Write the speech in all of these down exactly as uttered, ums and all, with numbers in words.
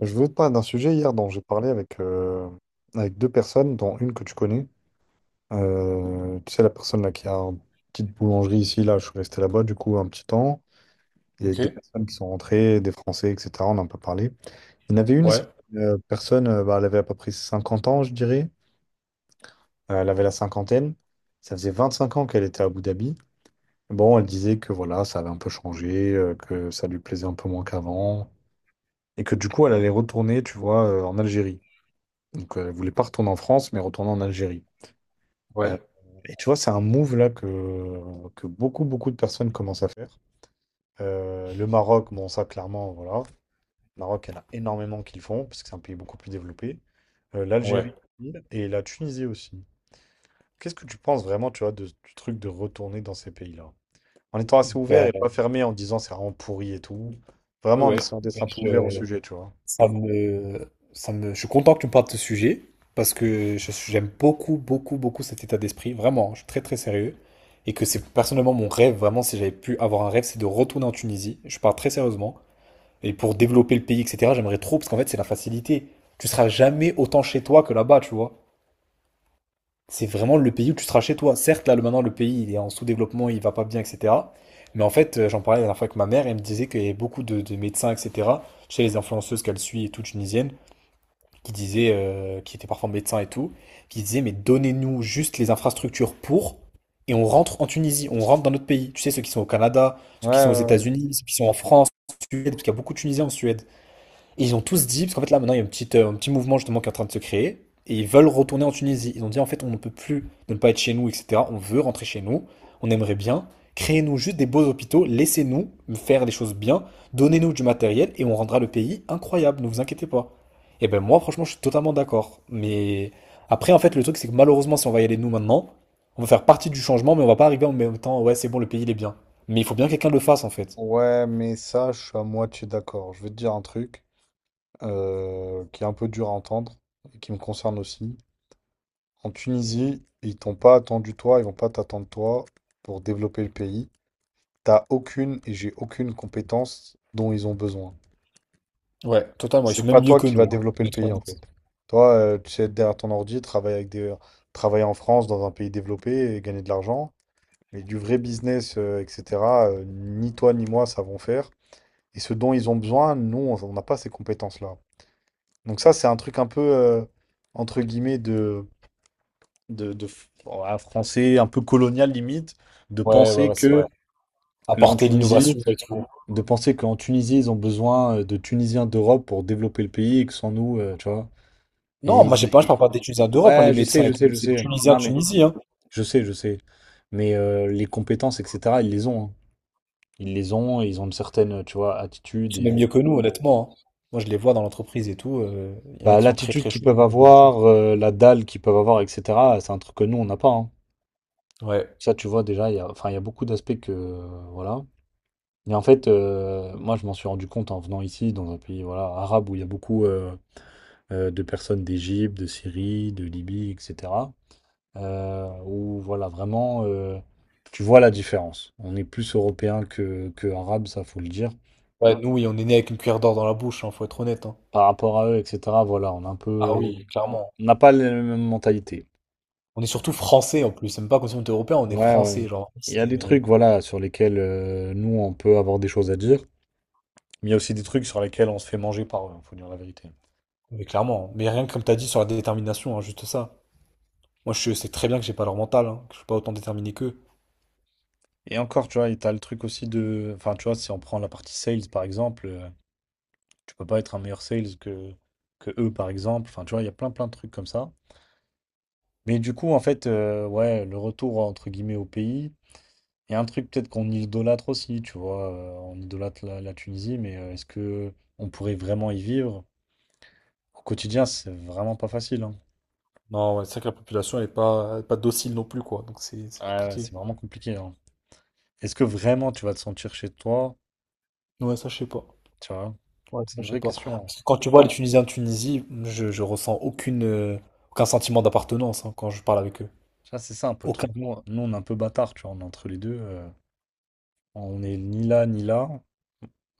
Je veux te parler d'un sujet hier dont j'ai parlé avec, euh, avec deux personnes, dont une que tu connais. Euh, tu sais, la personne là qui a une petite boulangerie ici, là, je suis resté là-bas du coup un petit temps. Il y a Ok, des personnes qui sont rentrées, des Français, et cetera. On en a pas parlé. Il y en avait une, c'est ouais, une, euh, personne, euh, bah, Elle avait à peu près cinquante ans, je dirais. Euh, elle avait la cinquantaine. Ça faisait vingt-cinq ans qu'elle était à Abu Dhabi. Bon, elle disait que voilà, ça avait un peu changé, euh, que ça lui plaisait un peu moins qu'avant, et que du coup, elle allait retourner, tu vois, euh, en Algérie. Donc, euh, elle voulait pas retourner en France, mais retourner en Algérie. Euh, ouais, et tu vois, c'est un move là que, que beaucoup, beaucoup de personnes commencent à faire. Euh, le Maroc, bon, ça, clairement, voilà. Le Maroc, il y en a énormément qui le font, parce que c'est un pays beaucoup plus développé. Euh, ouais, l'Algérie et la Tunisie aussi. Qu'est-ce que tu penses vraiment, tu vois, de, du truc de retourner dans ces pays-là? En étant assez ouvert et pas ben, fermé en disant c'est vraiment pourri et tout. ouais, Vraiment en ouais. essayant d'être ben, un peu ouvert au je, sujet, tu vois. ça me, ça me, je suis content que tu me parles de ce sujet parce que je- j'aime beaucoup, beaucoup, beaucoup cet état d'esprit. Vraiment, je suis très, très sérieux. Et que c'est personnellement mon rêve, vraiment, si j'avais pu avoir un rêve, c'est de retourner en Tunisie. Je parle très sérieusement. Et pour développer le pays, et cetera, j'aimerais trop parce qu'en fait, c'est la facilité. Tu seras jamais autant chez toi que là-bas, tu vois. C'est vraiment le pays où tu seras chez toi. Certes, là, le- maintenant, le pays, il est en sous-développement, il va pas bien, et cetera. Mais en fait, euh, j'en parlais la dernière fois avec ma mère, elle me disait qu'il y avait beaucoup de, de médecins, et cetera. Chez les influenceuses qu'elle suit et tout, tunisiennes, qui disaient, euh, qui étaient parfois médecins et tout, qui disaient, mais donnez-nous juste les infrastructures pour, et on rentre en Tunisie, on rentre dans notre pays. Tu sais, ceux qui sont au Canada, Ouais, ceux qui sont aux ouais, États-Unis, ceux qui sont en France, en Suède, parce qu'il y a beaucoup de Tunisiens en Suède. Et ils ont ouais. tous dit, parce qu'en fait là maintenant il y a une petite, euh, un petit mouvement justement qui est en train de se créer, et ils veulent retourner en Tunisie. Ils ont dit en fait on ne peut plus ne pas être chez nous, et cetera. On veut rentrer chez nous, on aimerait bien. Créez-nous juste des beaux hôpitaux, laissez-nous faire des choses bien, donnez-nous du matériel et on rendra le pays incroyable, ne vous inquiétez pas. Et ben moi franchement je suis totalement d'accord. Mais après en fait le truc c'est que malheureusement si on va y aller nous maintenant, on va faire partie du changement mais on va pas arriver en même temps, ouais c'est bon le pays il est bien. Mais il faut bien que quelqu'un le fasse en fait. Ouais, mais ça, je suis à moitié d'accord. Je vais te dire un truc. euh, qui est un peu dur à entendre et qui me concerne aussi. En Tunisie, ils t'ont pas attendu toi, ils vont pas t'attendre toi pour développer le pays. T'as aucune et j'ai aucune compétence dont ils ont besoin. Ouais, totalement, ils sont C'est pas même mieux toi que qui vas nous, hein, développer le notre. pays en fait. Toi, euh, tu sais être derrière ton ordi, travailler avec des... travailler en France dans un pays développé et gagner de l'argent. Mais du vrai business, euh, et cetera, euh, ni toi ni moi savons faire. Et ce dont ils ont besoin, nous, on on n'a pas ces compétences-là. Donc ça, c'est un truc un peu, euh, entre guillemets, de, de, de f- ouais, français, un peu colonial limite, de Ouais, ouais, penser ouais, c'est vrai. que là, en Apporter Tunisie, l'innovation et tout. de penser qu'en Tunisie, ils ont besoin euh, de Tunisiens d'Europe pour développer le pays et que sans nous, euh, tu vois. Et Non, moi, ils- j'ai pas, je et- parle pas des Tunisiens d'Europe, hein, les ouais, je médecins sais, je et tout. sais, je C'est les sais. Tunisiens de Non, mais Tunisie, hein. je sais, je sais. Mais euh, les compétences, et cetera, ils les ont. hein. Ils les ont, et ils ont une certaine, tu vois, attitude Ils sont et euh, même mieux que nous, honnêtement, hein. Moi, je les vois dans l'entreprise et tout. euh, Il y en a bah, qui sont très, l'attitude très qu'ils chauds. peuvent avoir, euh, la dalle qu'ils peuvent avoir, et cetera. C'est un truc que nous, on n'a pas. hein. Ouais. Ça, tu vois, déjà, il y a, enfin, il y a beaucoup d'aspects que, euh, voilà. Et en fait, euh, moi, je m'en suis rendu compte en venant ici, dans un pays, voilà, arabe, où il y a beaucoup euh, euh, de personnes d'Égypte, de Syrie, de Libye, et cetera euh, où, voilà, vraiment, euh, tu vois la différence. On est plus européen que, que arabe, ça, faut le dire. Ouais, nous, oui, on est né avec une cuillère d'or dans la bouche, hein, faut être honnête, hein. Par rapport à eux, et cetera, voilà, on a un Ah peu... oui, clairement. On n'a pas la même mentalité. On est surtout français en plus. C'est même pas comme si on était européen, on est Ouais, français, ouais. genre. Il y a des C'est, euh, trucs, voilà, sur lesquels euh, nous, on peut avoir des choses à dire. Mais il y a aussi des trucs sur lesquels on se fait manger par eux, hein, faut dire la vérité. mais clairement. Mais rien que comme t'as dit sur la détermination, hein, juste ça. Moi, je sais très bien que j'ai pas leur mental, hein, que je suis pas autant déterminé qu'eux. Et encore, tu vois, et t'as le truc aussi de. Enfin, tu vois, si on prend la partie sales par exemple, euh, tu peux pas être un meilleur sales que, que eux par exemple. Enfin, tu vois, il y a plein plein de trucs comme ça. Mais du coup, en fait, euh, ouais, le retour entre guillemets au pays, il y a un truc peut-être qu'on idolâtre aussi, tu vois. euh, on idolâtre la, la Tunisie, mais euh, est-ce que on pourrait vraiment y vivre? Au quotidien, c'est vraiment pas facile. hein. Non, ouais, c'est vrai que la population, elle est pas, elle est pas docile non plus, quoi. Donc c'est c'est Ouais, ouais, compliqué. c'est vraiment compliqué. hein. Est-ce que vraiment tu vas te sentir chez toi? Ouais, ça, je sais pas. Tu vois, Ouais, c'est une je sais vraie pas. question. hein. Parce que quand tu vois les Tunisiens de Tunisie, je, je ressens aucune, euh, aucun sentiment d'appartenance, hein, quand je parle avec eux. Ça c'est ça un peu le Aucun. truc. Nous, on nous, on est un peu bâtard, tu vois, on est entre les deux. euh, on est ni là, ni là.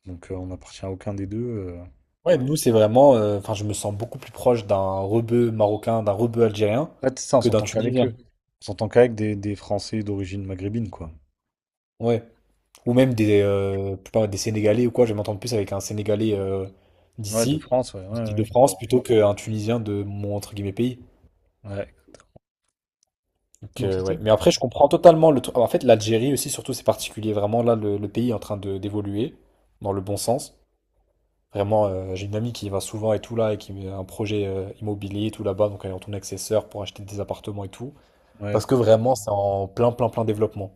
Donc, euh, on n'appartient à aucun des deux. euh. Ouais, nous, c'est vraiment. euh, Enfin, je me sens beaucoup plus proche d'un rebeu marocain, d'un rebeu algérien En fait, c'est ça, on que d'un s'entend qu'avec Tunisien. eux. On s'entend qu'avec des, des Français d'origine maghrébine, quoi. Ouais. Ou Tu même des, euh, je sais pas, des Sénégalais ou quoi. Je vais m'entendre plus avec un Sénégalais euh, vois. Ouais, de d'ici, France, ouais, ouais, de ouais. France, plutôt qu'un Tunisien de mon, entre guillemets, pays. Ouais. Donc, Donc, euh, c'est ça. ouais. Mais après, je comprends totalement le truc. En fait, l'Algérie aussi, surtout, c'est particulier. Vraiment, là, le, le pays est en train de d'évoluer dans le bon sens. Vraiment, euh, j'ai une amie qui y va souvent et tout là, et qui a un projet euh, immobilier et tout là-bas. Donc, elle est en tournée avec ses sœurs pour acheter des appartements et tout. Ouais, Parce que vraiment, c'est en plein, plein, plein développement.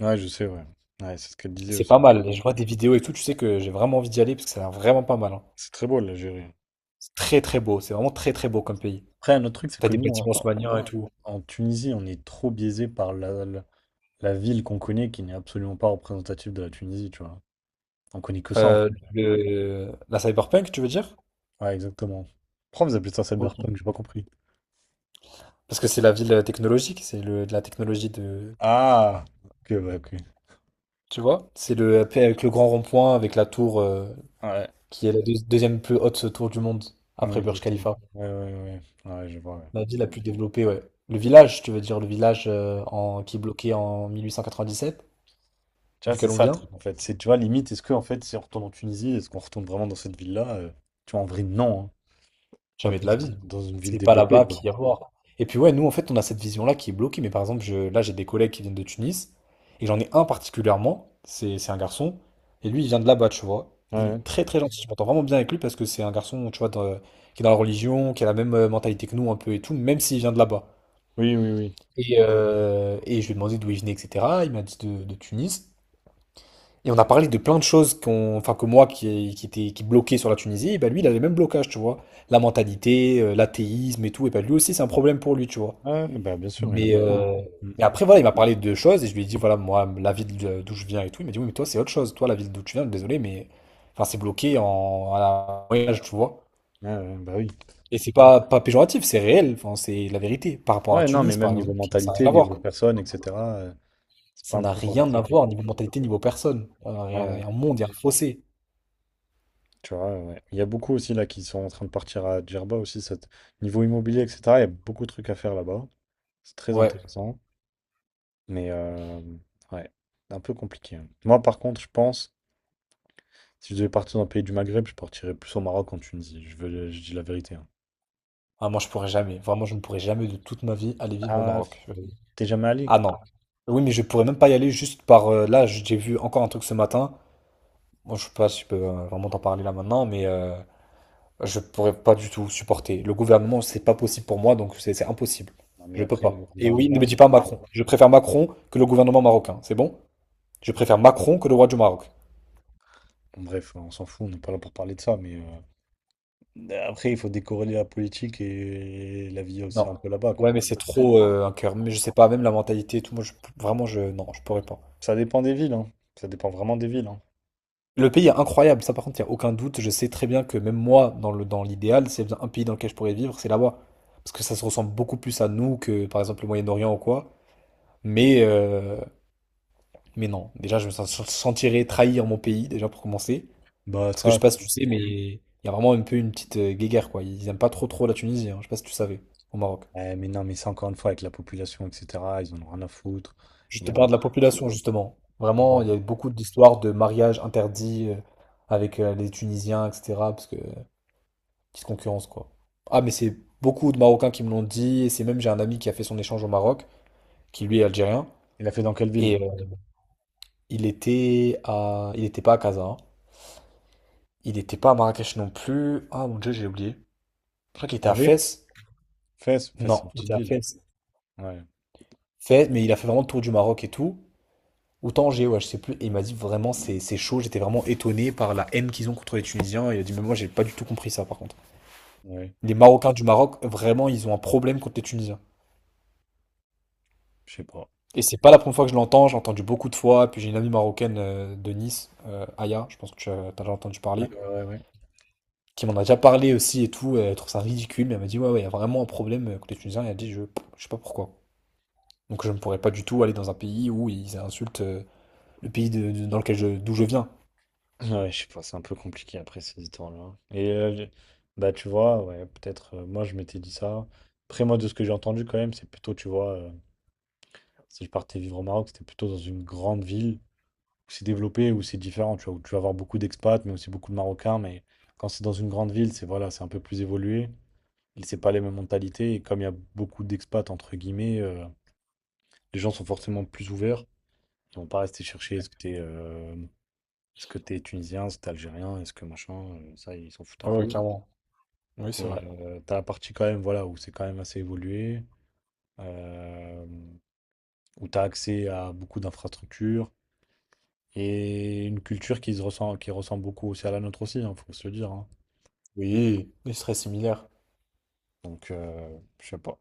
ouais, je sais, ouais. Ouais, c'est ce qu'elle Et disait c'est aussi. pas mal. Et je vois des vidéos et tout, tu sais que j'ai vraiment envie d'y aller parce que ça a l'air vraiment pas mal, hein. C'est très beau, l'Algérie. C'est très, très beau. C'est vraiment très, très beau comme pays. Après, un autre truc, c'est T'as que des nous, en, bâtiments en- haussmanniens et tout. en Tunisie, on est trop biaisé par la, la, la ville qu'on connaît, qui n'est absolument pas représentative de la Tunisie, tu vois. On connaît que ça. Euh, le, la cyberpunk, tu veux dire? Ouais, exactement. Pourquoi vous appelez ça cyberpunk? J'ai pas compris. Parce que c'est la ville technologique, c'est le, de la technologie de... Ah! Ok, ouais, ok. Tu vois? C'est le, euh, avec le grand rond-point, avec la tour euh, Ouais, qui est la deux- deuxième plus haute tour du monde, ouais, après Burj exactement. Khalifa. Ouais, ouais, ouais. Ouais, je vois, ouais. La ville la plus développée, ouais. Le village, tu veux dire, le village euh, en, qui est bloqué en mille huit cent quatre-vingt-dix-sept Tu vois, c'est duquel on ça le vient. truc, en fait. C'est, tu vois, limite, est-ce que, en fait, si on retourne en Tunisie, est-ce qu'on retourne vraiment dans cette ville-là? euh, Tu vois, en vrai, non. hein. Tu vois, Jamais de peut-être la dans, vie. une dans une ville C'est pas développée, là-bas quoi. qu'il y a à voir. Et puis ouais, nous en fait, on a cette vision-là qui est bloquée. Mais par exemple, je, là, j'ai des collègues qui viennent de Tunis, et j'en ai un particulièrement, c'est c'est un garçon, et lui, il vient de là-bas, tu vois. Ouais, Il ouais. est très très gentil. Je m'entends vraiment bien avec lui parce que c'est un garçon, tu vois, dans- qui est dans la religion, qui a la même euh, mentalité que nous un peu et tout, même s'il vient de là-bas. Oui, oui, oui. Et, euh, et je lui ai demandé d'où il venait, et cetera. Il m'a dit de, de Tunis. Et on a parlé de plein de choses qu'on, enfin que moi qui, qui était qui bloquait sur la Tunisie, et ben lui il a les mêmes blocages, tu vois. La mentalité, euh, l'athéisme et tout, et ben lui aussi c'est un problème pour lui, tu vois. Ouais, ouais, bah, bien sûr, il y en a Mais, beaucoup. euh, Mm. mais après voilà, il m'a parlé de choses et je lui ai dit voilà moi la ville de- d'où je viens et tout, il m'a dit oui mais toi c'est autre chose, toi la ville d'où tu viens, désolé mais enfin c'est bloqué en à la moyen tu vois. Ouais, ouais, bah oui. Et c'est pas pas péjoratif, c'est réel, enfin c'est la vérité. Par rapport à Ouais, non, mais Tunis même par exemple, niveau ça n'a rien mentalité, à niveau voir. personne, et cetera, euh, c'est pas Ça un n'a truc dans rien à lequel... euh, voir niveau mentalité, niveau personne. Euh, Il Ouais, y ouais. a un monde, il y a un fossé. Tu vois, ouais. Il y a beaucoup aussi là qui sont en train de partir à Djerba aussi, cette... niveau immobilier, et cetera. Il y a beaucoup de trucs à faire là-bas. C'est très Ouais. intéressant. Mais euh, ouais, un peu compliqué. hein. Moi, par contre, je pense, si je devais partir dans le pays du Maghreb, je partirais plus au Maroc qu'en Tunisie. Je veux, je dis la vérité. hein. Ah, moi, je pourrais jamais. Vraiment, je ne pourrais jamais de toute ma vie aller vivre au Ah, Maroc. Je- t'es jamais allé? Ah non. Oui, mais je pourrais même pas y aller juste par. Euh, là, j- j'ai vu encore un truc ce matin. Moi, je sais pas si je peux euh, vraiment t'en parler là maintenant, mais euh, je pourrais pas du tout supporter. Le gouvernement, c'est pas possible pour moi, donc c'est c'est impossible. Non, mais Je peux après, le pas. Et oui, ne gouvernement, me dis ça- pas Macron. Je préfère Macron que le gouvernement marocain. C'est bon? Je préfère Macron que le roi du Maroc. bon, bref, on s'en fout, on n'est pas là pour parler de ça. Mais euh, après, il faut décorréler la politique et la vie aussi Non. un peu là-bas, Ouais, mais quoi. c'est trop euh, un cœur. Mais je sais pas, même la mentalité et tout. Moi, je- vraiment, je... Non, je pourrais pas. Ça dépend des villes, hein. Ça dépend vraiment des villes, hein. Le pays est incroyable, ça par contre, il n'y a aucun doute. Je sais très bien que même moi, dans le, dans l'idéal, s'il y a bien un pays dans lequel je pourrais vivre, c'est là-bas. Parce que ça se ressemble beaucoup plus à nous que par exemple le Moyen-Orient ou quoi. Mais, euh, mais non, déjà je me sens- sentirais trahir mon pays, déjà pour commencer. Bah Parce que je ça, sais pas si tu sais, mais il y a vraiment un peu une petite euh, guéguerre, quoi. Ils aiment pas trop trop la Tunisie, hein. Je sais pas si tu savais, au Maroc. Ouais, mais non, mais c'est encore une fois avec la population, et cetera. Ils en ont rien à foutre. Je Il y te a... parle de la population, justement. Vraiment, Bon. il Ouais. y a eu beaucoup d'histoires de mariages interdits euh, avec euh, les Tunisiens, et cetera. Parce que petite concurrence, quoi. Ah, mais c'est beaucoup de Marocains qui me l'ont dit. Et c'est même, j'ai un ami qui a fait son échange au Maroc, qui lui est algérien. Il a fait dans quelle Et ville? euh, il était à... il n'était pas à Casa, hein. Il n'était pas à Marrakech non plus. Ah, mon Dieu, j'ai oublié. Je crois qu'il était à Angers? Fès. Fès, Fès, c'est une Non, il petite était à ville. Fès. Ouais, Fès, mais il a fait vraiment le tour du Maroc et tout. Ou Tanger, ouais, je sais plus. Et il m'a dit vraiment, c'est c'est chaud. J'étais vraiment étonné par la haine qu'ils ont contre les Tunisiens. Il a dit, mais moi, j'ai pas du tout compris ça, par contre. ouais, Les Marocains du Maroc, vraiment, ils ont un problème contre les Tunisiens. je sais pas. Et c'est pas la première fois que je l'entends, j'ai entendu beaucoup de fois, puis j'ai une amie marocaine euh, de Nice, euh, Aya, je pense que tu as, t'as déjà entendu Ouais, parler, ouais, ouais. qui m'en a déjà parlé aussi et tout, elle trouve ça ridicule, mais elle m'a dit ouais ouais, il y a vraiment un problème euh, côté tunisien, et elle a dit je, je sais pas pourquoi. Donc je ne pourrais pas du tout aller dans un pays où ils insultent euh, le pays de- de- dans lequel je, d'où je viens. Ouais, ouais, je sais pas, c'est un peu compliqué après ces histoires-là. Et euh, je- bah, tu vois, ouais, peut-être, euh, moi, je m'étais dit ça. Après, moi, de ce que j'ai entendu quand même, c'est plutôt, tu vois, euh, si je partais vivre au Maroc, c'était plutôt dans une grande ville où c'est développé, où c'est différent, tu vois, où tu vas avoir beaucoup d'expats, mais aussi beaucoup de Marocains, mais quand c'est dans une grande ville, c'est voilà, c'est un peu plus évolué. Et c'est pas les mêmes mentalités. Et comme il y a beaucoup d'expats, entre guillemets, euh, les gens sont forcément plus ouverts. Ils vont pas rester chercher est-ce que t'es euh, est-ce que t'es tunisien, est-ce que t'es algérien, est-ce que machin. euh, ça, ils s'en foutent un Ah ouais, peu. clairement. Oui, c'est Et vrai. euh, t'as la partie quand même, voilà, où c'est quand même assez évolué, euh, où t'as accès à beaucoup d'infrastructures et une culture qui se ressent, qui ressemble beaucoup aussi à la nôtre aussi, hein, faut se le dire. hein. Oui, il serait similaire. Donc, euh, je sais pas.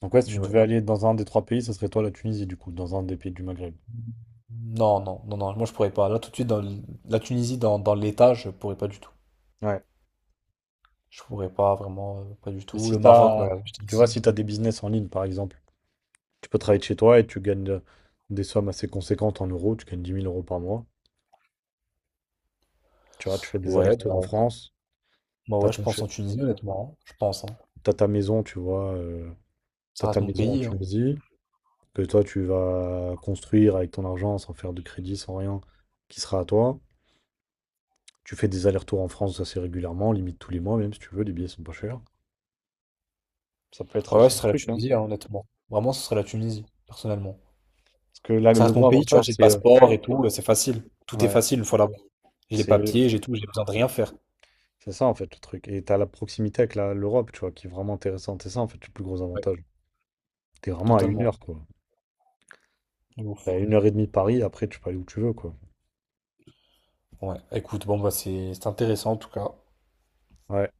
Donc ouais, si tu Mais ouais. devais aller dans un des trois pays, ça serait toi la Tunisie, du coup, dans un des pays du Maghreb. Non, non, non, non, moi je pourrais pas. Là tout de suite, dans le- la Tunisie, dans, dans l'État, je pourrais pas du tout. Ouais. Je pourrais pas vraiment, euh, pas du Et tout. si Le Maroc, t'as, bah, je t'ai tu vois, dit. si t'as des business en ligne, par exemple, tu peux travailler de chez toi et tu gagnes euh, des sommes assez conséquentes en euros, tu gagnes dix mille euros par mois. Tu vois, tu fais des Ouais, allers-retours en bah, France, bah t'as ouais, je ton, pense che- en Tunisie, honnêtement, hein. Je pense, hein. t'as ta maison, tu vois, euh, Ça t'as reste ta mon maison en pays, hein. Tunisie, que toi, tu vas construire avec ton argent sans faire de crédit, sans rien, qui sera à toi. Tu fais des allers-retours en France assez régulièrement, limite tous les mois, même si tu veux, les billets sont pas chers. Ça peut être Ouais, ouais, aussi ce un serait la truc, hein. Tunisie, hein, honnêtement. Vraiment, ce serait la Tunisie, personnellement. Parce que là, Ça le reste mon gros pays, tu vois, avantage, j'ai le c'est euh, passeport et tout, euh, c'est facile. Tout est ouais, facile une fois là-bas. J'ai les c'est papiers, j'ai tout, j'ai besoin de rien faire. C'est ça en fait le truc. Et t'as la proximité avec la- l'Europe, tu vois, qui est vraiment intéressante. C'est ça en fait le plus gros Ouais, avantage. T'es vraiment à une totalement. heure, quoi. De T'es ouf. à une heure et demie de Paris, après tu peux aller où tu veux, quoi. Ouais, écoute, bon, bah, c'est c'est intéressant en tout cas. Ouais.